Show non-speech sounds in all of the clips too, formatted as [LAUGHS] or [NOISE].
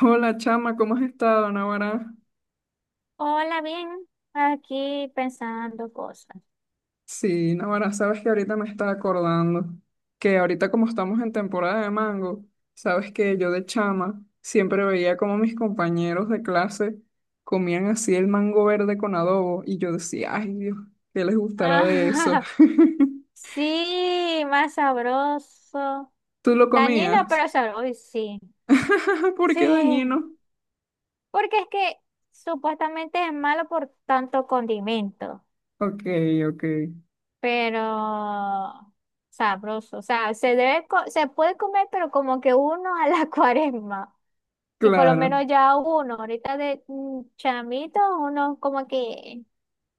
Hola chama, ¿cómo has estado, Navarra? Hola, bien. Aquí pensando cosas. Sí, Navarra, sabes que ahorita me está acordando que ahorita como estamos en temporada de mango, sabes que yo de chama siempre veía como mis compañeros de clase comían así el mango verde con adobo y yo decía, ay Dios, ¿qué les gustará de eso? Ah, [LAUGHS] [LAUGHS] sí, más sabroso. ¿Tú lo Dañino, comías? pero sabroso. Uy, sí. [LAUGHS] ¿Por qué Sí. dañino? Porque es que supuestamente es malo por tanto condimento. Ok, ok, Pero sabroso. O sea, se puede comer, pero como que uno a la [LAUGHS] cuaresma. Y por lo claro, menos ya uno, ahorita de chamito, uno como que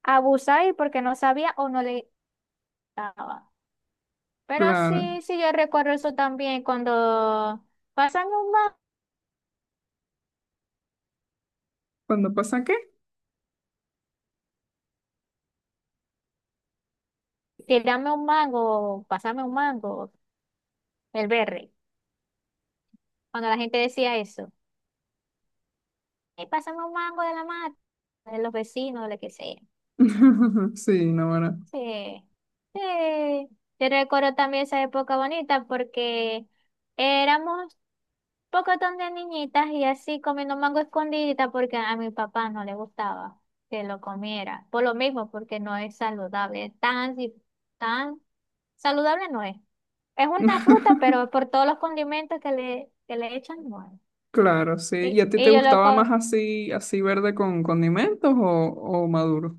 abusaba y porque no sabía o no le daba. Pero claro. sí, sí, yo recuerdo eso también cuando pásame un mango, ¿Cuándo pasa qué? tirame un mango, pásame un mango, el berre. Cuando la gente decía eso, "Ey, pásame un mango de la mata, de los vecinos, de lo que sea". [LAUGHS] Sí, Navarra. Sí, sí. Yo recuerdo también esa época bonita porque éramos pocotón de niñitas y así comiendo mango escondidita porque a mi papá no le gustaba que lo comiera. Por lo mismo, porque no es saludable. Tan saludable no es. Es una fruta, pero [LAUGHS] por todos los condimentos que le echan, no es. Claro, sí. ¿Y Y, a ti te y yo lo gustaba más con, así, así verde con condimentos o maduro?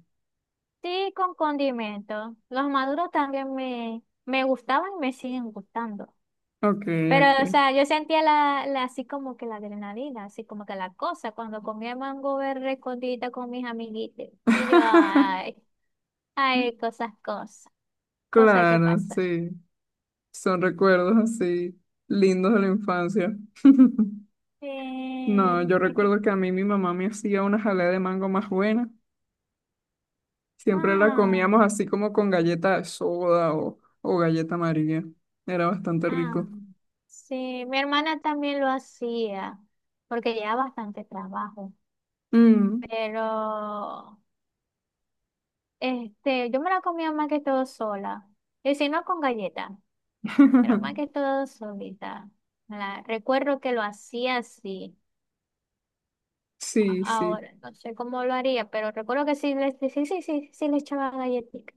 sí con condimentos. Los maduros también me gustaban y me siguen gustando. Ok, Pero, ok. o sea, yo sentía así como que la adrenalina, así como que la cosa, cuando comía mango verde escondida con mis amiguitos. Y yo, [LAUGHS] ay, ay, cosas, cosas, cosas que Claro, pasan. sí. Son recuerdos así lindos de la infancia. [LAUGHS] Eh, No, yo hay que- recuerdo que a mí mi mamá me hacía una jalea de mango más buena. Siempre la ah, comíamos así como con galleta de soda o galleta amarilla. Era bastante ah, rico. sí, mi hermana también lo hacía, porque llevaba bastante trabajo. Mm. Pero, este, yo me la comía más que todo sola, y si no con galletas. Pero más [LAUGHS] que todo solita. Recuerdo que lo hacía así. Sí, sí. Ahora no sé cómo lo haría, pero recuerdo que sí, le, sí, sí, sí, sí le echaba galletitas.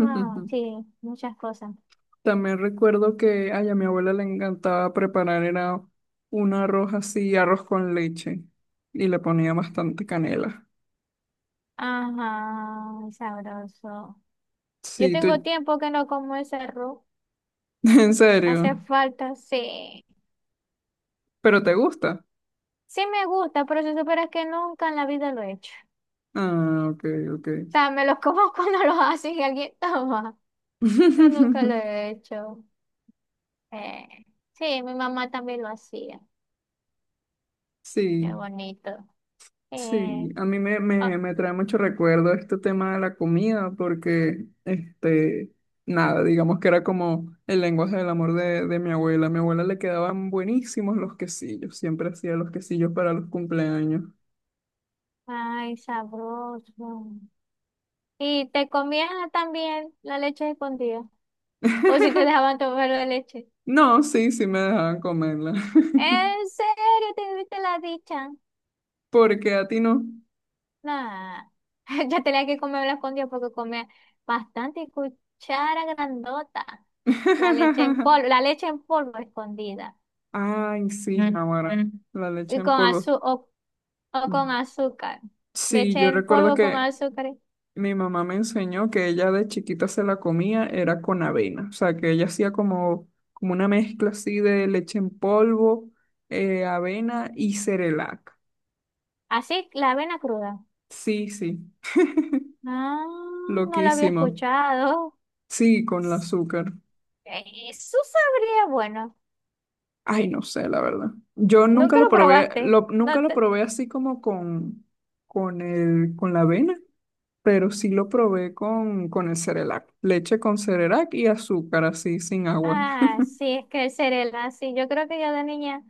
Ah, sí, muchas cosas. También recuerdo que ay, a mi abuela le encantaba preparar, era un arroz así, arroz con leche, y le ponía bastante canela. Ajá, sabroso. Yo Sí, tú, tengo [LAUGHS] tiempo que no como ese arroz. en serio, Hace falta, sí. pero te gusta. Sí me gusta, pero si supieras que nunca en la vida lo he hecho. Ah, ok, ok. O sea, me los como [LAUGHS] cuando los hace y alguien toma, pero nunca lo [LAUGHS] he hecho. Eh, sí, mi mamá también lo hacía. Qué Sí, bonito. Eh, sí, a mí me, me, ah, me trae mucho recuerdo este tema de la comida, porque, este, nada, digamos que era como el lenguaje del amor de mi abuela. A mi abuela le quedaban buenísimos los quesillos, siempre hacía los quesillos para los cumpleaños. ay, sabroso. ¿Y te comías también la leche escondida? ¿O si te [LAUGHS] dejaban tomar la leche? No, sí, sí me dejaban comerla, ¿En serio te viste la dicha? [LAUGHS] porque a ti no. Nah, [LAUGHS] ya tenía que comer la escondida porque comía bastante cuchara grandota. [LAUGHS] La leche en polvo escondida. Ay, sí, ahora, la leche Y en con polvo. azúcar o, o con azúcar. Sí, Leche yo en recuerdo polvo con que azúcar. mi mamá me enseñó que ella de chiquita se la comía, era con avena, o sea, que ella hacía como, como una mezcla así de leche en polvo, avena y cerelac. Así, la avena cruda. Sí, sí, Ah, no lo había loquísimo. escuchado. Sí, con el azúcar. Eso sabría, bueno, Ay, no sé, la verdad. Yo nunca nunca lo lo probé, probaste. lo, nunca No lo te- probé así como con el, con la avena, pero sí lo probé con el cerelac. Leche con cerelac y azúcar así, sin agua. Ah, sí, es que el cerela, sí, yo creo que yo de niña,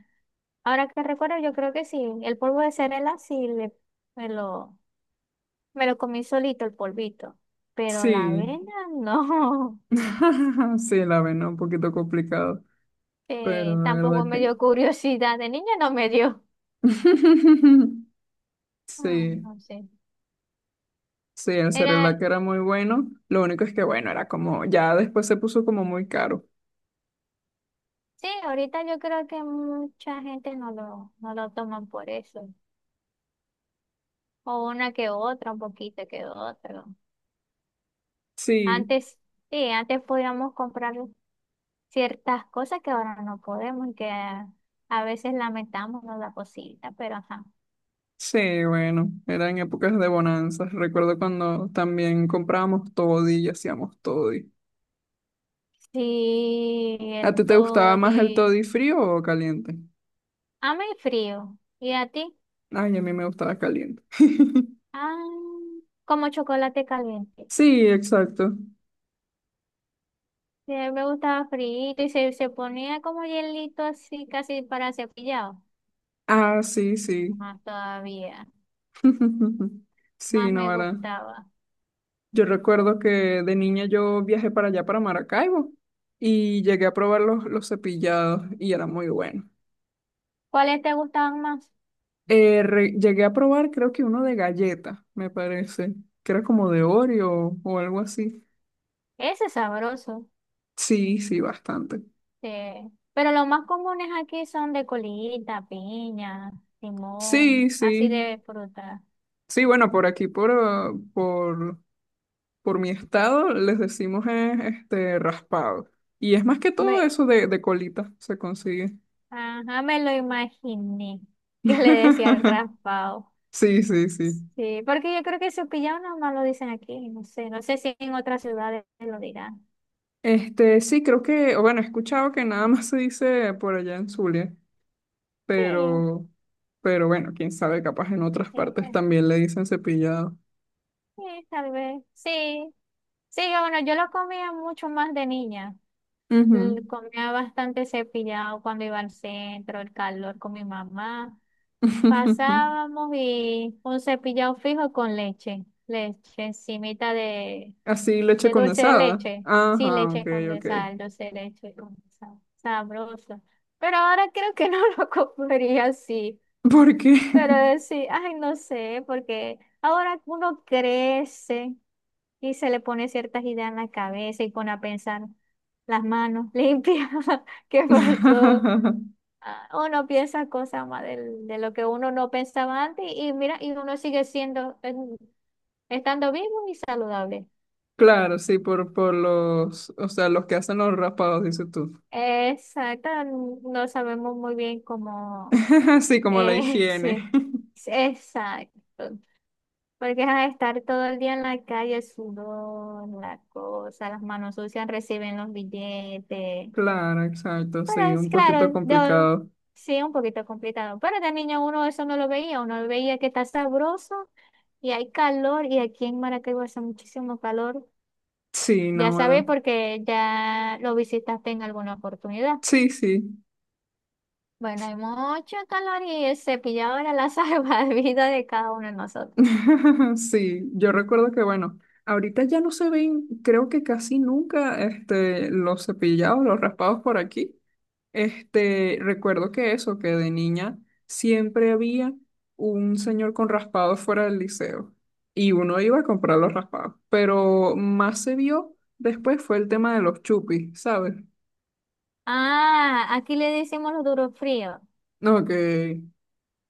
ahora que recuerdo, yo creo que sí, el polvo de cerela sí le, me lo, me lo comí solito el polvito, pero la Sí. avena no, [LAUGHS] Sí, la ven un poquito complicado, [LAUGHS] pero de tampoco verdad me que... dio curiosidad, de niña no me dio. [LAUGHS] Ah, Sí, no sé. sí, el Era, que era muy bueno. Lo único es que, bueno, era como, ya después se puso como muy caro. sí, ahorita yo creo que mucha gente no lo, no lo toman por eso. O una que otra, un poquito que otro. Sí, Antes, sí, antes podíamos comprar ciertas cosas que ahora no podemos y que a veces lamentamos, ¿no?, la cosita, pero ajá. sí, bueno, era en épocas de bonanzas. Recuerdo cuando también comprábamos toddy y hacíamos toddy. Sí, ¿A el ti te gustaba más el toddy. toddy frío o caliente? A mí frío. ¿Y a ti? Ay, a mí me gustaba caliente. [LAUGHS] Ah, como chocolate caliente. Sí, exacto. Sí, me gustaba frío y se ponía como hielito así, casi para cepillado. Ah, sí, sí. Más todavía. [LAUGHS] Sí, Más no, me ¿verdad? gustaba. Yo recuerdo que de niña yo viajé para allá, para Maracaibo, y llegué a probar los cepillados y era muy bueno. ¿Cuáles te gustaban más? Llegué a probar creo que uno de galleta, me parece, que era como de Oreo o algo así. Ese es sabroso. Sí, sí, bastante. Sí. Pero los más comunes aquí son de colita, piña, Sí, limón, sí. así de fruta. Sí, bueno, por aquí, por mi estado, les decimos este raspado. Y es más que todo Me, eso de colita se consigue. ajá, me lo imaginé [LAUGHS] que le decían [LAUGHS] raspado. Sí, sí, sí. Sí, porque yo creo que su pillado más lo dicen aquí, no sé, no sé si en otras ciudades lo dirán. Este, sí, creo que, o bueno, he escuchado que nada más se dice por allá en Zulia, Sí, pero, pero bueno, quién sabe, capaz en otras eh, partes eh, también le dicen cepillado. sí, tal vez, sí, sí, yo, bueno, yo lo comía mucho más de niña. Ujú. Comía bastante cepillado cuando iba al centro, el calor con mi mamá. [LAUGHS] Pasábamos y un cepillado fijo con leche, leche encimita Así, leche de dulce de condensada. leche. Sí, Ajá, ok, leche ok. condensada, dulce de leche condensada. Sabroso. Pero ahora creo que no [LAUGHS] lo comería así. ¿Por qué? Pero sí, ay, no sé, porque ahora uno crece. Y se le pone ciertas ideas en la cabeza y pone a pensar las manos limpias, [LAUGHS] ¿qué pasó? [LAUGHS] Ah, uno piensa cosas más de lo que uno no pensaba antes y mira, y uno sigue siendo, estando vivo y saludable. Claro, sí, por los, o sea, los que hacen los raspados, dices tú. Exacto, no sabemos muy bien cómo [LAUGHS] Sí, [LAUGHS] como la es, higiene. [LAUGHS] exacto, porque a estar todo el día en la calle, el sudor, la cosa, las manos sucias, reciben los billetes. Claro, exacto, Pero sí, es un poquito claro, complicado. sí, un poquito complicado. Pero de niño uno eso no lo veía, uno veía que está sabroso y hay calor y aquí en Maracaibo hace muchísimo calor. Sí, Ya no, sabes bueno. porque ya lo visitaste en alguna oportunidad. Sí, sí. Bueno, hay mucho calor y el cepillado era la [LAUGHS] salvavidas de cada uno de nosotros. [LAUGHS] Sí, yo recuerdo que bueno, ahorita ya no se ven, creo que casi nunca, este, los cepillados, los raspados por aquí. Este, recuerdo que eso, que de niña siempre había un señor con raspados fuera del liceo y uno iba a comprar los raspados, pero más se vio después fue el tema de los chupis, ¿sabes? Ah, aquí le decimos los duros fríos. No, que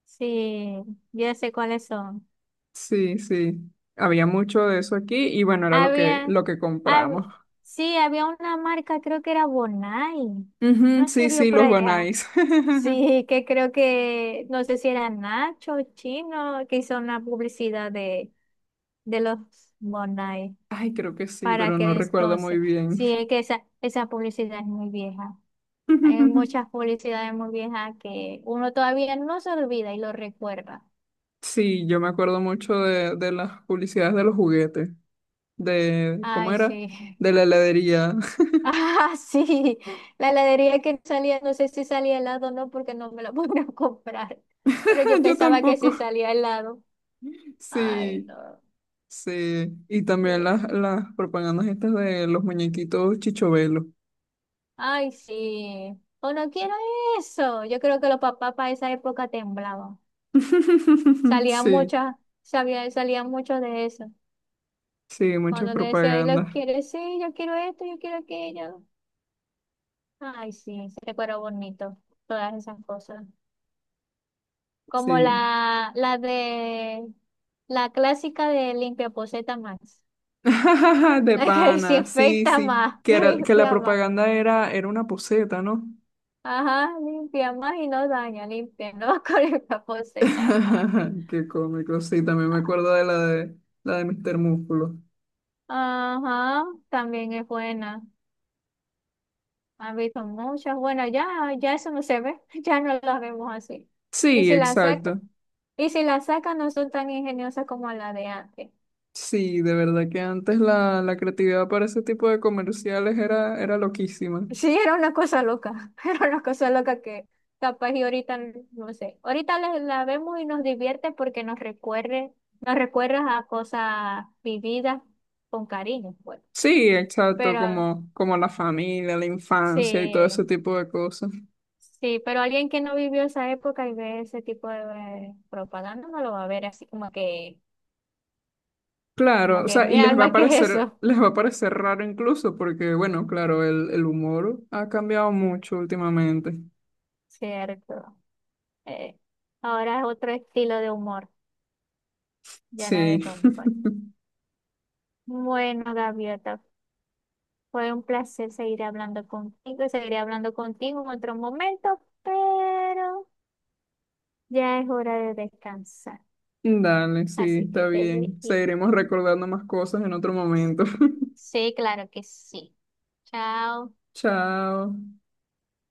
Sí, ya sé cuáles son. sí, sí, había mucho de eso aquí y bueno, era lo que, Había, lo que hab- compramos. sí, había una marca, creo que era Bonai. Ujú, No se sí, vio sí, por los Van allá. Ice. [LAUGHS] Sí, que creo que, no sé si era Nacho, Chino, que hizo una publicidad de los Bonai Ay, creo que sí, para pero aquel no recuerdo muy entonces. bien. Sí, es que esa publicidad es muy vieja. Hay muchas [LAUGHS] publicidades muy viejas que uno todavía no se olvida y lo recuerda. Sí, yo me acuerdo mucho de las publicidades de los juguetes, de, ¿cómo Ay, era? sí. De la [LAUGHS] heladería. Ah, [LAUGHS] sí, la heladería que salía, no sé si salía helado o no, porque no me la pude [LAUGHS] comprar, pero yo [LAUGHS] Yo pensaba que tampoco. sí salía helado. Ay, Sí, no, sí. Y también las, sí. las propagandas estas de los muñequitos Chichovelo. Ay, sí. O no quiero eso. Yo creo que los papás para esa época temblaban. [LAUGHS] Salían Sí, muchas, sabía, salían mucho de eso. sí, muchas Cuando le decía, ¿y propagandas. lo quieres? Sí, yo quiero esto, yo quiero aquello. Ay, sí, se recuerda bonito, todas esas cosas. Como Sí. La de la clásica de limpiaposeta más. [LAUGHS] De La que [LAUGHS] pana, sí, desinfecta sí, más, [LAUGHS] que, era, que la limpia más. propaganda era, era una poseta, ¿no? Ajá, limpia más y no daña, limpia, ¿no? [LAUGHS] Con limpiaposeta más. [LAUGHS] Qué cómico, sí, también me acuerdo de la de la de Mr. Músculo. Ajá, también es buena. Han visto muchas. Bueno, ya, ya eso no se ve, [LAUGHS] ya no las vemos así. Y Sí, si la saca exacto. y si la sacan no son tan ingeniosas como la de antes. Sí, de verdad que antes la, la creatividad para ese tipo de comerciales era, era loquísima. Sí, era una cosa loca, [LAUGHS] era una cosa loca que capaz y ahorita, no sé, ahorita la vemos y nos divierte porque nos recuerda a cosas vividas con cariño, pues. Sí, exacto, Pero como, como la familia, la infancia y todo sí, ese tipo de cosas. sí, pero alguien que no vivió esa época y ve ese tipo de propaganda no lo va a ver así Claro, como o que sea, y mi les va a alma, ¿qué es parecer, eso? les va a parecer raro incluso, porque bueno, claro, el humor ha cambiado mucho últimamente. [LAUGHS] Cierto. Eh, ahora es otro estilo de humor, ya no Sí. de con- [LAUGHS] Bueno, Gaviota. Fue un placer seguir hablando contigo, seguiré hablando contigo en otro momento, pero ya es hora de descansar. Dale, sí, Así que está te bien. dejo. Seguiremos recordando más cosas en otro momento. [LAUGHS] Sí, claro que sí. Chao. Chao.